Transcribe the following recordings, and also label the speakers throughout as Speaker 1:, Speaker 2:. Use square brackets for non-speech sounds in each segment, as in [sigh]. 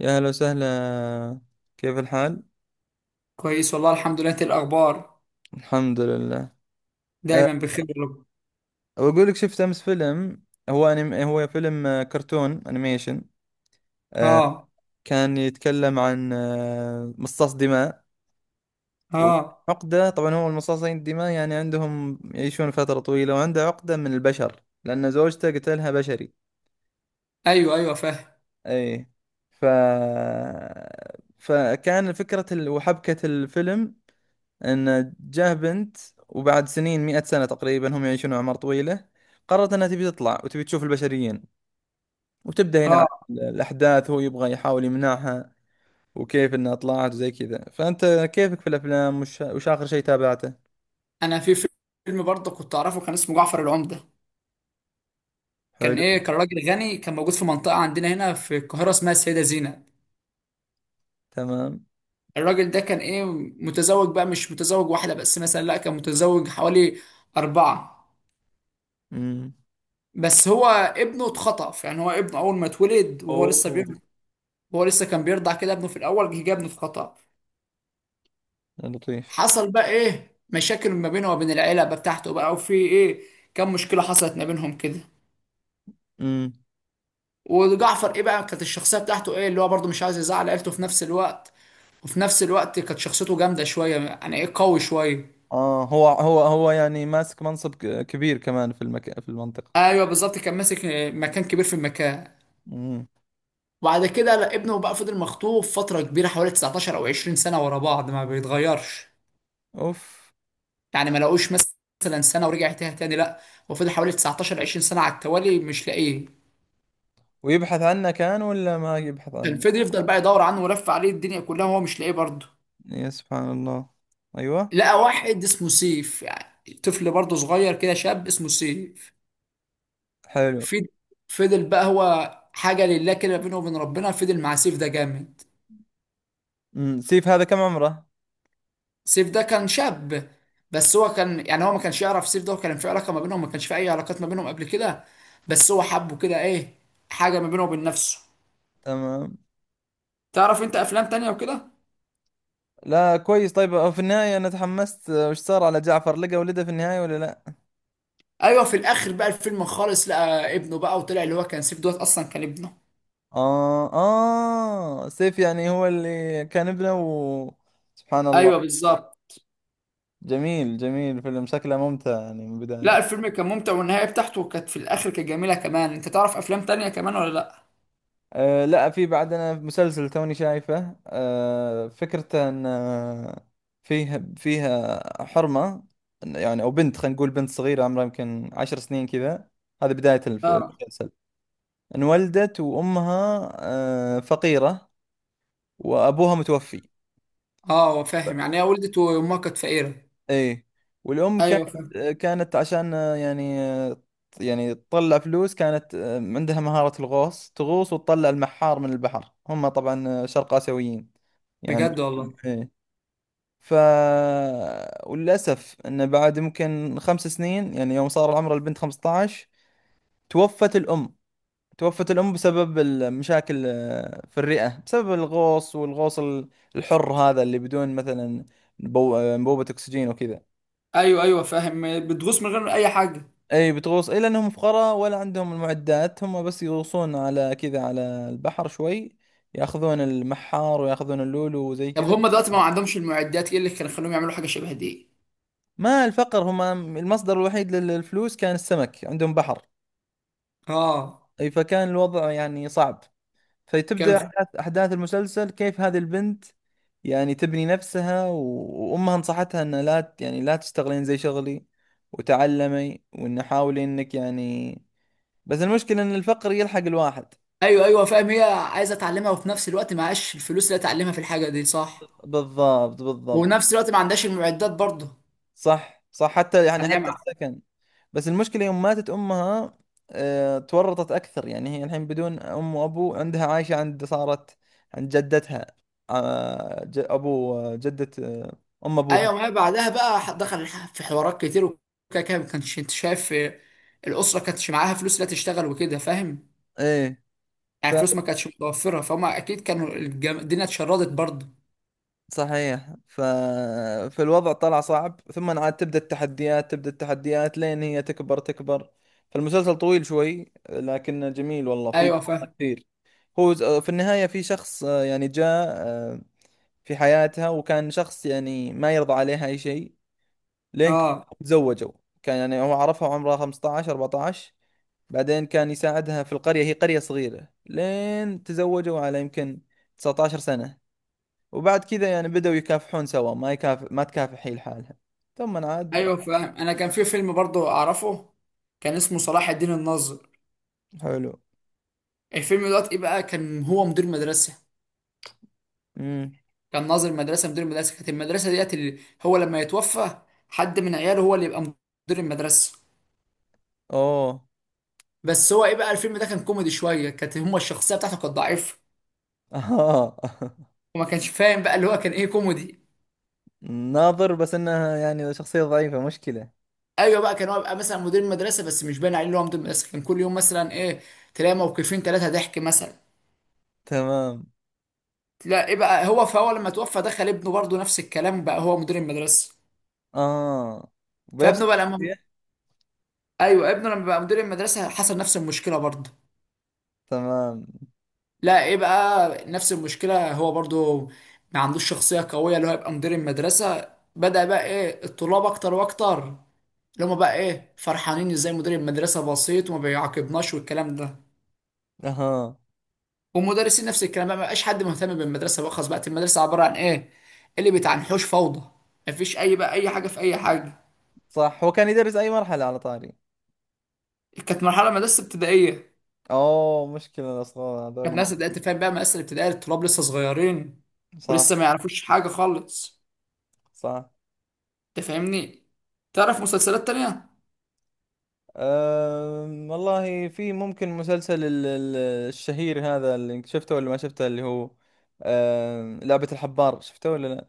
Speaker 1: يا هلا وسهلا. كيف الحال؟
Speaker 2: كويس والله الحمد لله. إنت إيه الاخبار؟
Speaker 1: الحمد لله. أه
Speaker 2: دايما بخير يا رب.
Speaker 1: بقول لك شفت أمس فيلم. هو أنيم، هو فيلم كرتون أنيميشن. أه
Speaker 2: اه.
Speaker 1: كان يتكلم عن مصاص دماء.
Speaker 2: اه.
Speaker 1: وعقدة طبعا، هو المصاصين الدماء يعني عندهم يعيشون فترة طويلة، وعنده عقدة من البشر لأن زوجته قتلها بشري.
Speaker 2: ايوه ايوه فاهم.
Speaker 1: أي. ف وحبكة الفيلم ان جاه بنت، وبعد سنين، مئة سنة تقريبا، هم يعيشون أعمار طويلة، قررت أنها تبي تطلع وتبي تشوف البشريين. وتبدأ هنا عن
Speaker 2: اه.
Speaker 1: الأحداث. هو يبغى يحاول يمنعها، وكيف أنها طلعت وزي كذا. فأنت كيفك في الأفلام؟ وش آخر شيء تابعته؟
Speaker 2: انا في فيلم برضه كنت اعرفه، كان اسمه جعفر العمدة. كان
Speaker 1: حلو.
Speaker 2: ايه، كان راجل غني، كان موجود في منطقة عندنا هنا في القاهرة اسمها السيدة زينب.
Speaker 1: تمام.
Speaker 2: الراجل ده كان ايه، متزوج بقى، مش متزوج واحدة بس مثلا، لا كان متزوج حوالي أربعة.
Speaker 1: امم.
Speaker 2: بس هو ابنه اتخطف، يعني هو ابنه اول ما اتولد وهو لسه
Speaker 1: اوه.
Speaker 2: بيرضع. هو لسه كان بيرضع كده ابنه، في الاول جه ابنه اتخطف.
Speaker 1: لطيف.
Speaker 2: حصل بقى ايه مشاكل ما بينه وبين العيله بقى بتاعته، بقى وفي ايه كم مشكله حصلت ما بينهم كده.
Speaker 1: امم.
Speaker 2: وجعفر ايه بقى، كانت الشخصيه بتاعته ايه اللي هو برضه مش عايز يزعل عيلته في نفس الوقت، وفي نفس الوقت كانت شخصيته جامده شويه يعني ايه قوي شويه.
Speaker 1: اه، هو يعني ماسك منصب كبير كمان في المنطقة.
Speaker 2: ايوه بالظبط، كان ماسك مكان كبير في المكان.
Speaker 1: امم.
Speaker 2: وبعد كده لا، ابنه بقى فضل مخطوف فتره كبيره حوالي 19 او 20 سنه ورا بعض ما بيتغيرش.
Speaker 1: اوف.
Speaker 2: يعني ما لقوش مثلا سنه ورجع تاني لا، وفضل حوالي 19 20 سنه على التوالي مش لاقيه.
Speaker 1: ويبحث عنه كان ولا ما يبحث
Speaker 2: كان
Speaker 1: عنه؟
Speaker 2: فضل يفضل بقى يدور عنه ولف عليه الدنيا كلها وهو مش لاقيه برضه.
Speaker 1: يا سبحان الله. ايوه.
Speaker 2: لقى واحد اسمه سيف، يعني طفل برضه صغير كده، شاب اسمه سيف.
Speaker 1: حلو.
Speaker 2: في- فضل بقى هو حاجة لله كده بينه وبين ربنا، فضل مع سيف ده جامد.
Speaker 1: أمم، سيف هذا كم عمره؟
Speaker 2: سيف ده كان شاب، بس هو كان يعني هو ما كانش يعرف سيف ده، وكان في علاقة ما بينهم، ما كانش في أي علاقات ما بينهم قبل كده. بس هو حبه كده إيه، حاجة ما بينه وبين نفسه.
Speaker 1: تمام.
Speaker 2: تعرف أنت أفلام تانية وكده؟
Speaker 1: لا كويس. طيب في النهاية أنا تحمست، وش صار على جعفر؟ لقى ولده في النهاية ولا لا؟
Speaker 2: أيوه، في الآخر بقى الفيلم خالص لقى ابنه بقى، وطلع اللي هو كان سيف دوت أصلا كان ابنه.
Speaker 1: آه آه، سيف يعني هو اللي كان ابنه و... سبحان الله.
Speaker 2: أيوه بالظبط.
Speaker 1: جميل جميل، فيلم شكله ممتع يعني من
Speaker 2: لا
Speaker 1: البداية.
Speaker 2: الفيلم كان ممتع، والنهاية بتاعته كانت في الآخر كانت جميلة كمان. أنت تعرف أفلام تانية كمان ولا لأ؟
Speaker 1: آه لا، في بعدنا مسلسل توني شايفه. آه، فكرته ان فيها حرمة، يعني او بنت، خلينا نقول بنت صغيرة عمرها يمكن عشر سنين كذا. هذه بداية
Speaker 2: آه
Speaker 1: المسلسل. انولدت وامها فقيرة، وابوها متوفي.
Speaker 2: آه فاهم، يعني هي ولدت وأمها كانت فقيرة.
Speaker 1: ايه. والام
Speaker 2: أيوه
Speaker 1: كانت،
Speaker 2: فاهم.
Speaker 1: كانت عشان يعني تطلع فلوس، كانت عندها مهارة الغوص، تغوص وتطلع المحار من البحر. هم طبعا شرق آسيويين يعني.
Speaker 2: بجد والله.
Speaker 1: ايه. ف وللأسف انه بعد ممكن خمس سنين، يعني يوم صار عمر البنت 15، توفت الأم. توفت الأم بسبب المشاكل في الرئة، بسبب الغوص، والغوص الحر هذا اللي بدون مثلا انبوبة أكسجين وكذا.
Speaker 2: أيوه أيوه فاهم، بتغوص من غير أي حاجة.
Speaker 1: أي بتغوص، إيه، لأنهم فقراء، ولا عندهم المعدات. هم بس يغوصون على كذا، على البحر شوي، ياخذون المحار وياخذون اللولو وزي
Speaker 2: طب
Speaker 1: كذا.
Speaker 2: هم دلوقتي ما عندهمش المعدات، إيه اللي كان خلوهم يعملوا حاجة شبه دي؟
Speaker 1: ما الفقر، هم المصدر الوحيد للفلوس كان السمك، عندهم بحر.
Speaker 2: اه
Speaker 1: أي فكان الوضع يعني صعب.
Speaker 2: كان
Speaker 1: فتبدأ
Speaker 2: في...
Speaker 1: أحداث المسلسل كيف هذه البنت يعني تبني نفسها. وأمها نصحتها أن لا ت- يعني لا تشتغلين زي شغلي، وتعلمي، وأن حاولي أنك يعني. بس المشكلة أن الفقر يلحق الواحد.
Speaker 2: أيوه أيوه فاهم، هي عايزة تعلمها، وفي نفس الوقت معهاش الفلوس اللي تعلمها في الحاجة دي صح؟
Speaker 1: بالضبط
Speaker 2: وفي
Speaker 1: بالضبط.
Speaker 2: نفس الوقت ما عندهاش المعدات برضه.
Speaker 1: صح صح، حتى يعني
Speaker 2: يعني
Speaker 1: حتى
Speaker 2: هي
Speaker 1: السكن. بس المشكلة يوم ماتت أمها تورطت أكثر. يعني هي الحين بدون أم وأبو، عندها عايشة عند، صارت عند جدتها، أبو، جدة، آه، أم أبوها.
Speaker 2: ايوه معايا. بعدها بقى دخل في حوارات كتير وكده كده، ما كانش انت شايف آه، الاسره كانتش معاها فلوس لا تشتغل وكده فاهم.
Speaker 1: إيه. ف
Speaker 2: يعني فلوس ما كانتش متوفره، فهم اكيد كانوا الدنيا اتشردت برضه.
Speaker 1: صحيح فالوضع طلع صعب. ثم عاد تبدأ التحديات، تبدأ التحديات لين هي تكبر تكبر. فالمسلسل طويل شوي لكنه جميل، والله في
Speaker 2: ايوه
Speaker 1: دراما
Speaker 2: فاهم.
Speaker 1: كثير. هو في النهاية في شخص، يعني جاء، في حياتها، وكان شخص يعني ما يرضى عليها أي شيء لين
Speaker 2: اه
Speaker 1: تزوجوا. كان يعني هو عرفها وعمرها 15 14، بعدين كان يساعدها في القرية، هي قرية صغيرة، لين تزوجوا على يمكن 19 سنة. وبعد كذا يعني بدأوا يكافحون سوا، ما تكافح هي لحالها. ثم عاد.
Speaker 2: ايوه فاهم، انا كان في فيلم برضه اعرفه كان اسمه صلاح الدين الناظر.
Speaker 1: حلو.
Speaker 2: الفيلم دوت ايه بقى، كان هو مدير مدرسه.
Speaker 1: امم.
Speaker 2: كان ناظر مدرسه مدير مدرسه، كانت المدرسه ديت اللي هو لما يتوفى حد من عياله هو اللي يبقى مدير المدرسه.
Speaker 1: اوه.
Speaker 2: بس هو ايه بقى، الفيلم ده كان كوميدي شويه، كانت هما الشخصيه بتاعته كانت ضعيفه،
Speaker 1: آه.
Speaker 2: وما كانش فاهم بقى اللي هو كان ايه، كوميدي.
Speaker 1: [laughs] ناظر بس انها يعني شخصية ضعيفة مشكلة.
Speaker 2: ايوه بقى كان هو بقى مثلا مدير مدرسه بس مش باين عليه ان هو مدير مدرسه، كان كل يوم مثلا ايه، تلاقي موقفين ثلاثه ضحك مثلا.
Speaker 1: تمام.
Speaker 2: لا ايه بقى، هو فهو لما توفى دخل ابنه برضه نفس الكلام بقى هو مدير المدرسه.
Speaker 1: اه. بنفس
Speaker 2: فابنه بقى لما
Speaker 1: الشخصية.
Speaker 2: ايوه، ابنه لما بقى مدير المدرسه حصل نفس المشكله برضه.
Speaker 1: تمام.
Speaker 2: لا ايه بقى نفس المشكله، هو برضه ما عندوش شخصيه قويه اللي هو يبقى مدير المدرسه. بدأ بقى ايه الطلاب اكتر واكتر، اللي هما بقى ايه فرحانين ازاي مدير المدرسه بسيط وما بيعاقبناش والكلام ده.
Speaker 1: اها.
Speaker 2: والمدرسين نفس الكلام، بقى ما بقاش حد مهتم بالمدرسه، بقى خلاص بقت المدرسه عباره عن ايه، اللي بيتعنحوش فوضى، مفيش اي بقى اي حاجه في اي حاجه.
Speaker 1: صح، هو كان يدرس اي مرحلة على طاري؟
Speaker 2: كانت مرحله مدرسه ابتدائيه.
Speaker 1: اوه، مشكلة الاصغر
Speaker 2: كانت
Speaker 1: هذول.
Speaker 2: ناس بدأت تفهم بقى مدرسه الابتدائيه الطلاب لسه صغيرين، ولسه
Speaker 1: صح.
Speaker 2: ما يعرفوش حاجه خالص.
Speaker 1: صح.
Speaker 2: انت فاهمني. تعرف مسلسلات تانية؟
Speaker 1: والله في ممكن مسلسل الشهير هذا، اللي شفته ولا ما شفته، اللي هو لعبة الحبار، شفته ولا لا؟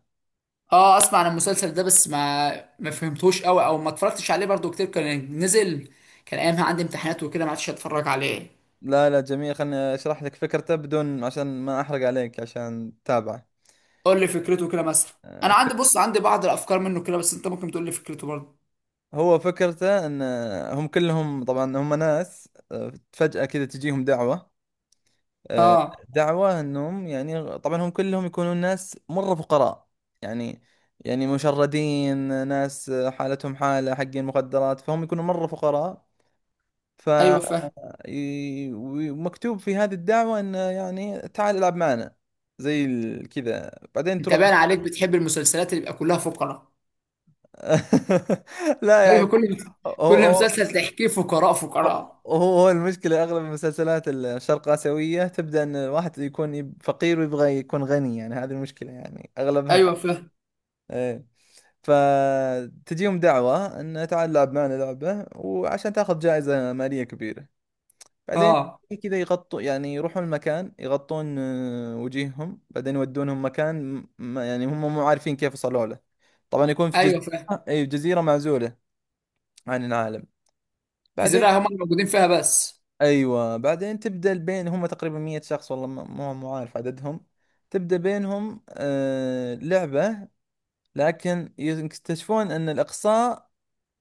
Speaker 2: اه اسمع عن المسلسل ده، بس ما فهمتوش قوي او ما اتفرجتش عليه برضو كتير، كان نزل كان ايامها عندي امتحانات وكده، ما عادش اتفرج عليه.
Speaker 1: لا لا، جميل، خلني اشرح لك فكرته بدون، عشان ما احرق عليك، عشان تتابعه.
Speaker 2: قول لي فكرته كده مثلا.
Speaker 1: أه،
Speaker 2: انا عندي
Speaker 1: فك-
Speaker 2: بص عندي بعض الافكار منه كده، بس انت ممكن تقول لي فكرته برضه.
Speaker 1: هو فكرته ان هم كلهم طبعا، هم ناس فجأة كذا تجيهم دعوة، آه،
Speaker 2: اه
Speaker 1: دعواه انهم، يعني طبعا هم كلهم يكونون ناس مره فقراء، يعني يعني مشردين، ناس حالتهم حاله حقين مخدرات، فهم يكونوا مره فقراء. ف
Speaker 2: ايوه فاهم.
Speaker 1: ومكتوب في هذه الدعوه انه يعني تعال العب معنا، زي كذا، بعدين
Speaker 2: انت
Speaker 1: تروح.
Speaker 2: باين عليك بتحب المسلسلات اللي يبقى كلها فقراء.
Speaker 1: [laughs] لا يعني،
Speaker 2: ايوه كل
Speaker 1: هو
Speaker 2: كل
Speaker 1: هو
Speaker 2: مسلسل تحكيه فقراء
Speaker 1: هو
Speaker 2: فقراء.
Speaker 1: هو المشكلة أغلب المسلسلات الشرق آسيوية تبدأ أن الواحد يكون فقير ويبغى يكون غني، يعني هذه المشكلة يعني أغلبها
Speaker 2: ايوه فاهم.
Speaker 1: كده. فتجيهم دعوة انه تعال العب معنا لعبة، وعشان تاخذ جائزة مالية كبيرة. بعدين
Speaker 2: اه
Speaker 1: كذا يغطوا، يعني يروحون المكان يغطون وجيههم، بعدين يودونهم مكان يعني هم مو عارفين كيف وصلوا له. طبعا يكون في جزيرة،
Speaker 2: ايوه فاهم.
Speaker 1: اي جزيرة معزولة عن العالم. بعدين،
Speaker 2: الجزيره هم اللي موجودين فيها بس.
Speaker 1: ايوه بعدين تبدأ بين هم تقريبا 100 شخص، والله مو عارف عددهم، تبدأ بينهم لعبة، لكن يكتشفون ان الاقصاء،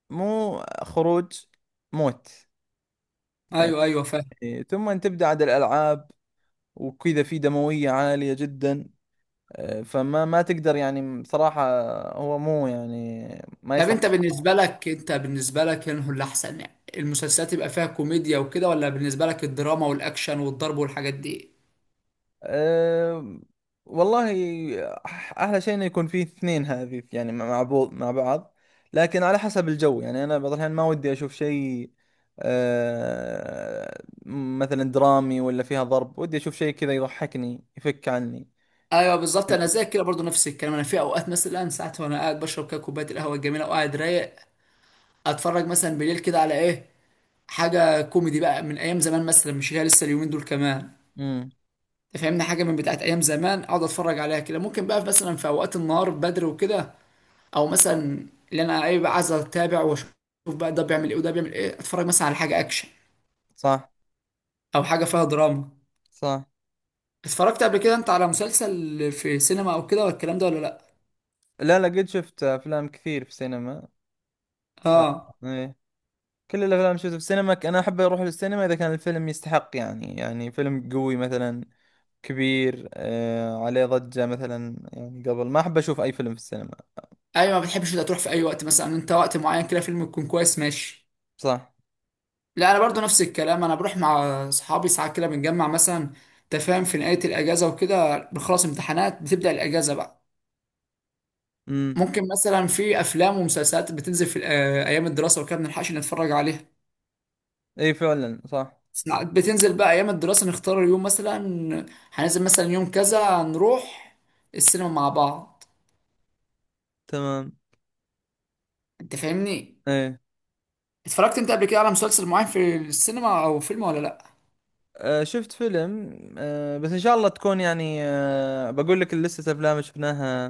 Speaker 1: مو خروج، موت
Speaker 2: ايوه ايوه فاهم.
Speaker 1: يعني. ثم تبدأ عاد الألعاب وكذا، في دموية عالية جدا. فما ما تقدر يعني بصراحة، هو مو يعني، ما
Speaker 2: طب
Speaker 1: يصلح.
Speaker 2: انت بالنسبه لك، انه اللي احسن يعني المسلسلات يبقى فيها كوميديا وكده، ولا بالنسبه لك الدراما والاكشن والضرب والحاجات دي؟
Speaker 1: أه والله، أحلى شيء إنه يكون فيه اثنين هذه يعني، مع بعض مع بعض. لكن على حسب الجو، يعني أنا بعض الأحيان ما ودي أشوف شيء، مثلا درامي ولا فيها ضرب، ودي أشوف شيء كذا يضحكني يفك عني.
Speaker 2: ايوه بالظبط، انا زي كده برضو نفس الكلام. انا في اوقات مثلا ساعات وانا قاعد بشرب كده كوبايه القهوه الجميله وقاعد رايق، اتفرج مثلا بالليل كده على ايه، حاجه كوميدي بقى من ايام زمان مثلا، مش هي لسه اليومين دول كمان.
Speaker 1: امم.
Speaker 2: فاهمني، حاجه من بتاعت ايام زمان اقعد اتفرج عليها كده. ممكن بقى مثلا في اوقات النهار بدري وكده، او مثلا اللي انا ايه بقى عايز اتابع واشوف بقى ده بيعمل ايه وده بيعمل ايه، اتفرج مثلا على حاجه اكشن،
Speaker 1: صح.
Speaker 2: او حاجه فيها دراما.
Speaker 1: صح.
Speaker 2: اتفرجت قبل كده انت على مسلسل في سينما او كده والكلام ده ولا لا؟
Speaker 1: لا لا، قد شفت افلام كثير في السينما. ف...
Speaker 2: اه
Speaker 1: إيه. كل الافلام شفتها في السينما. انا احب اروح للسينما اذا كان الفيلم يستحق، يعني فيلم قوي مثلا كبير، عليه ضجة مثلا، يعني قبل ما، احب اشوف اي فيلم في السينما.
Speaker 2: ايوه، ما بتحبش ده تروح في اي وقت، مثلا انت وقت معين كده فيلم يكون كويس ماشي.
Speaker 1: صح.
Speaker 2: لا انا برضو نفس الكلام، انا بروح مع اصحابي ساعات كده، بنجمع مثلا تفاهم في نهايه الاجازه وكده بنخلص امتحانات، بتبدا الاجازه بقى.
Speaker 1: امم.
Speaker 2: ممكن مثلا في افلام ومسلسلات بتنزل في ايام الدراسه وكده ما بنلحقش نتفرج عليها.
Speaker 1: اي فعلا صح.
Speaker 2: ساعات بتنزل بقى ايام الدراسه، نختار اليوم مثلا هننزل مثلا يوم كذا، نروح السينما مع بعض.
Speaker 1: تمام.
Speaker 2: انت فاهمني،
Speaker 1: ايه.
Speaker 2: اتفرجت انت قبل كده على مسلسل معين في السينما او فيلم ولا لا؟
Speaker 1: آه شفت فيلم، آه بس ان شاء الله تكون يعني، بقول لك لسه افلام شفناها،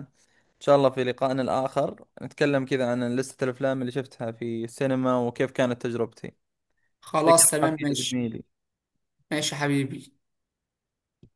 Speaker 1: إن شاء الله في لقائنا الآخر نتكلم كذا عن لستة الأفلام اللي شفتها في السينما وكيف كانت تجربتي. يعطيك
Speaker 2: خلاص تمام
Speaker 1: العافية يا
Speaker 2: ماشي.
Speaker 1: زميلي.
Speaker 2: ماشي يا حبيبي.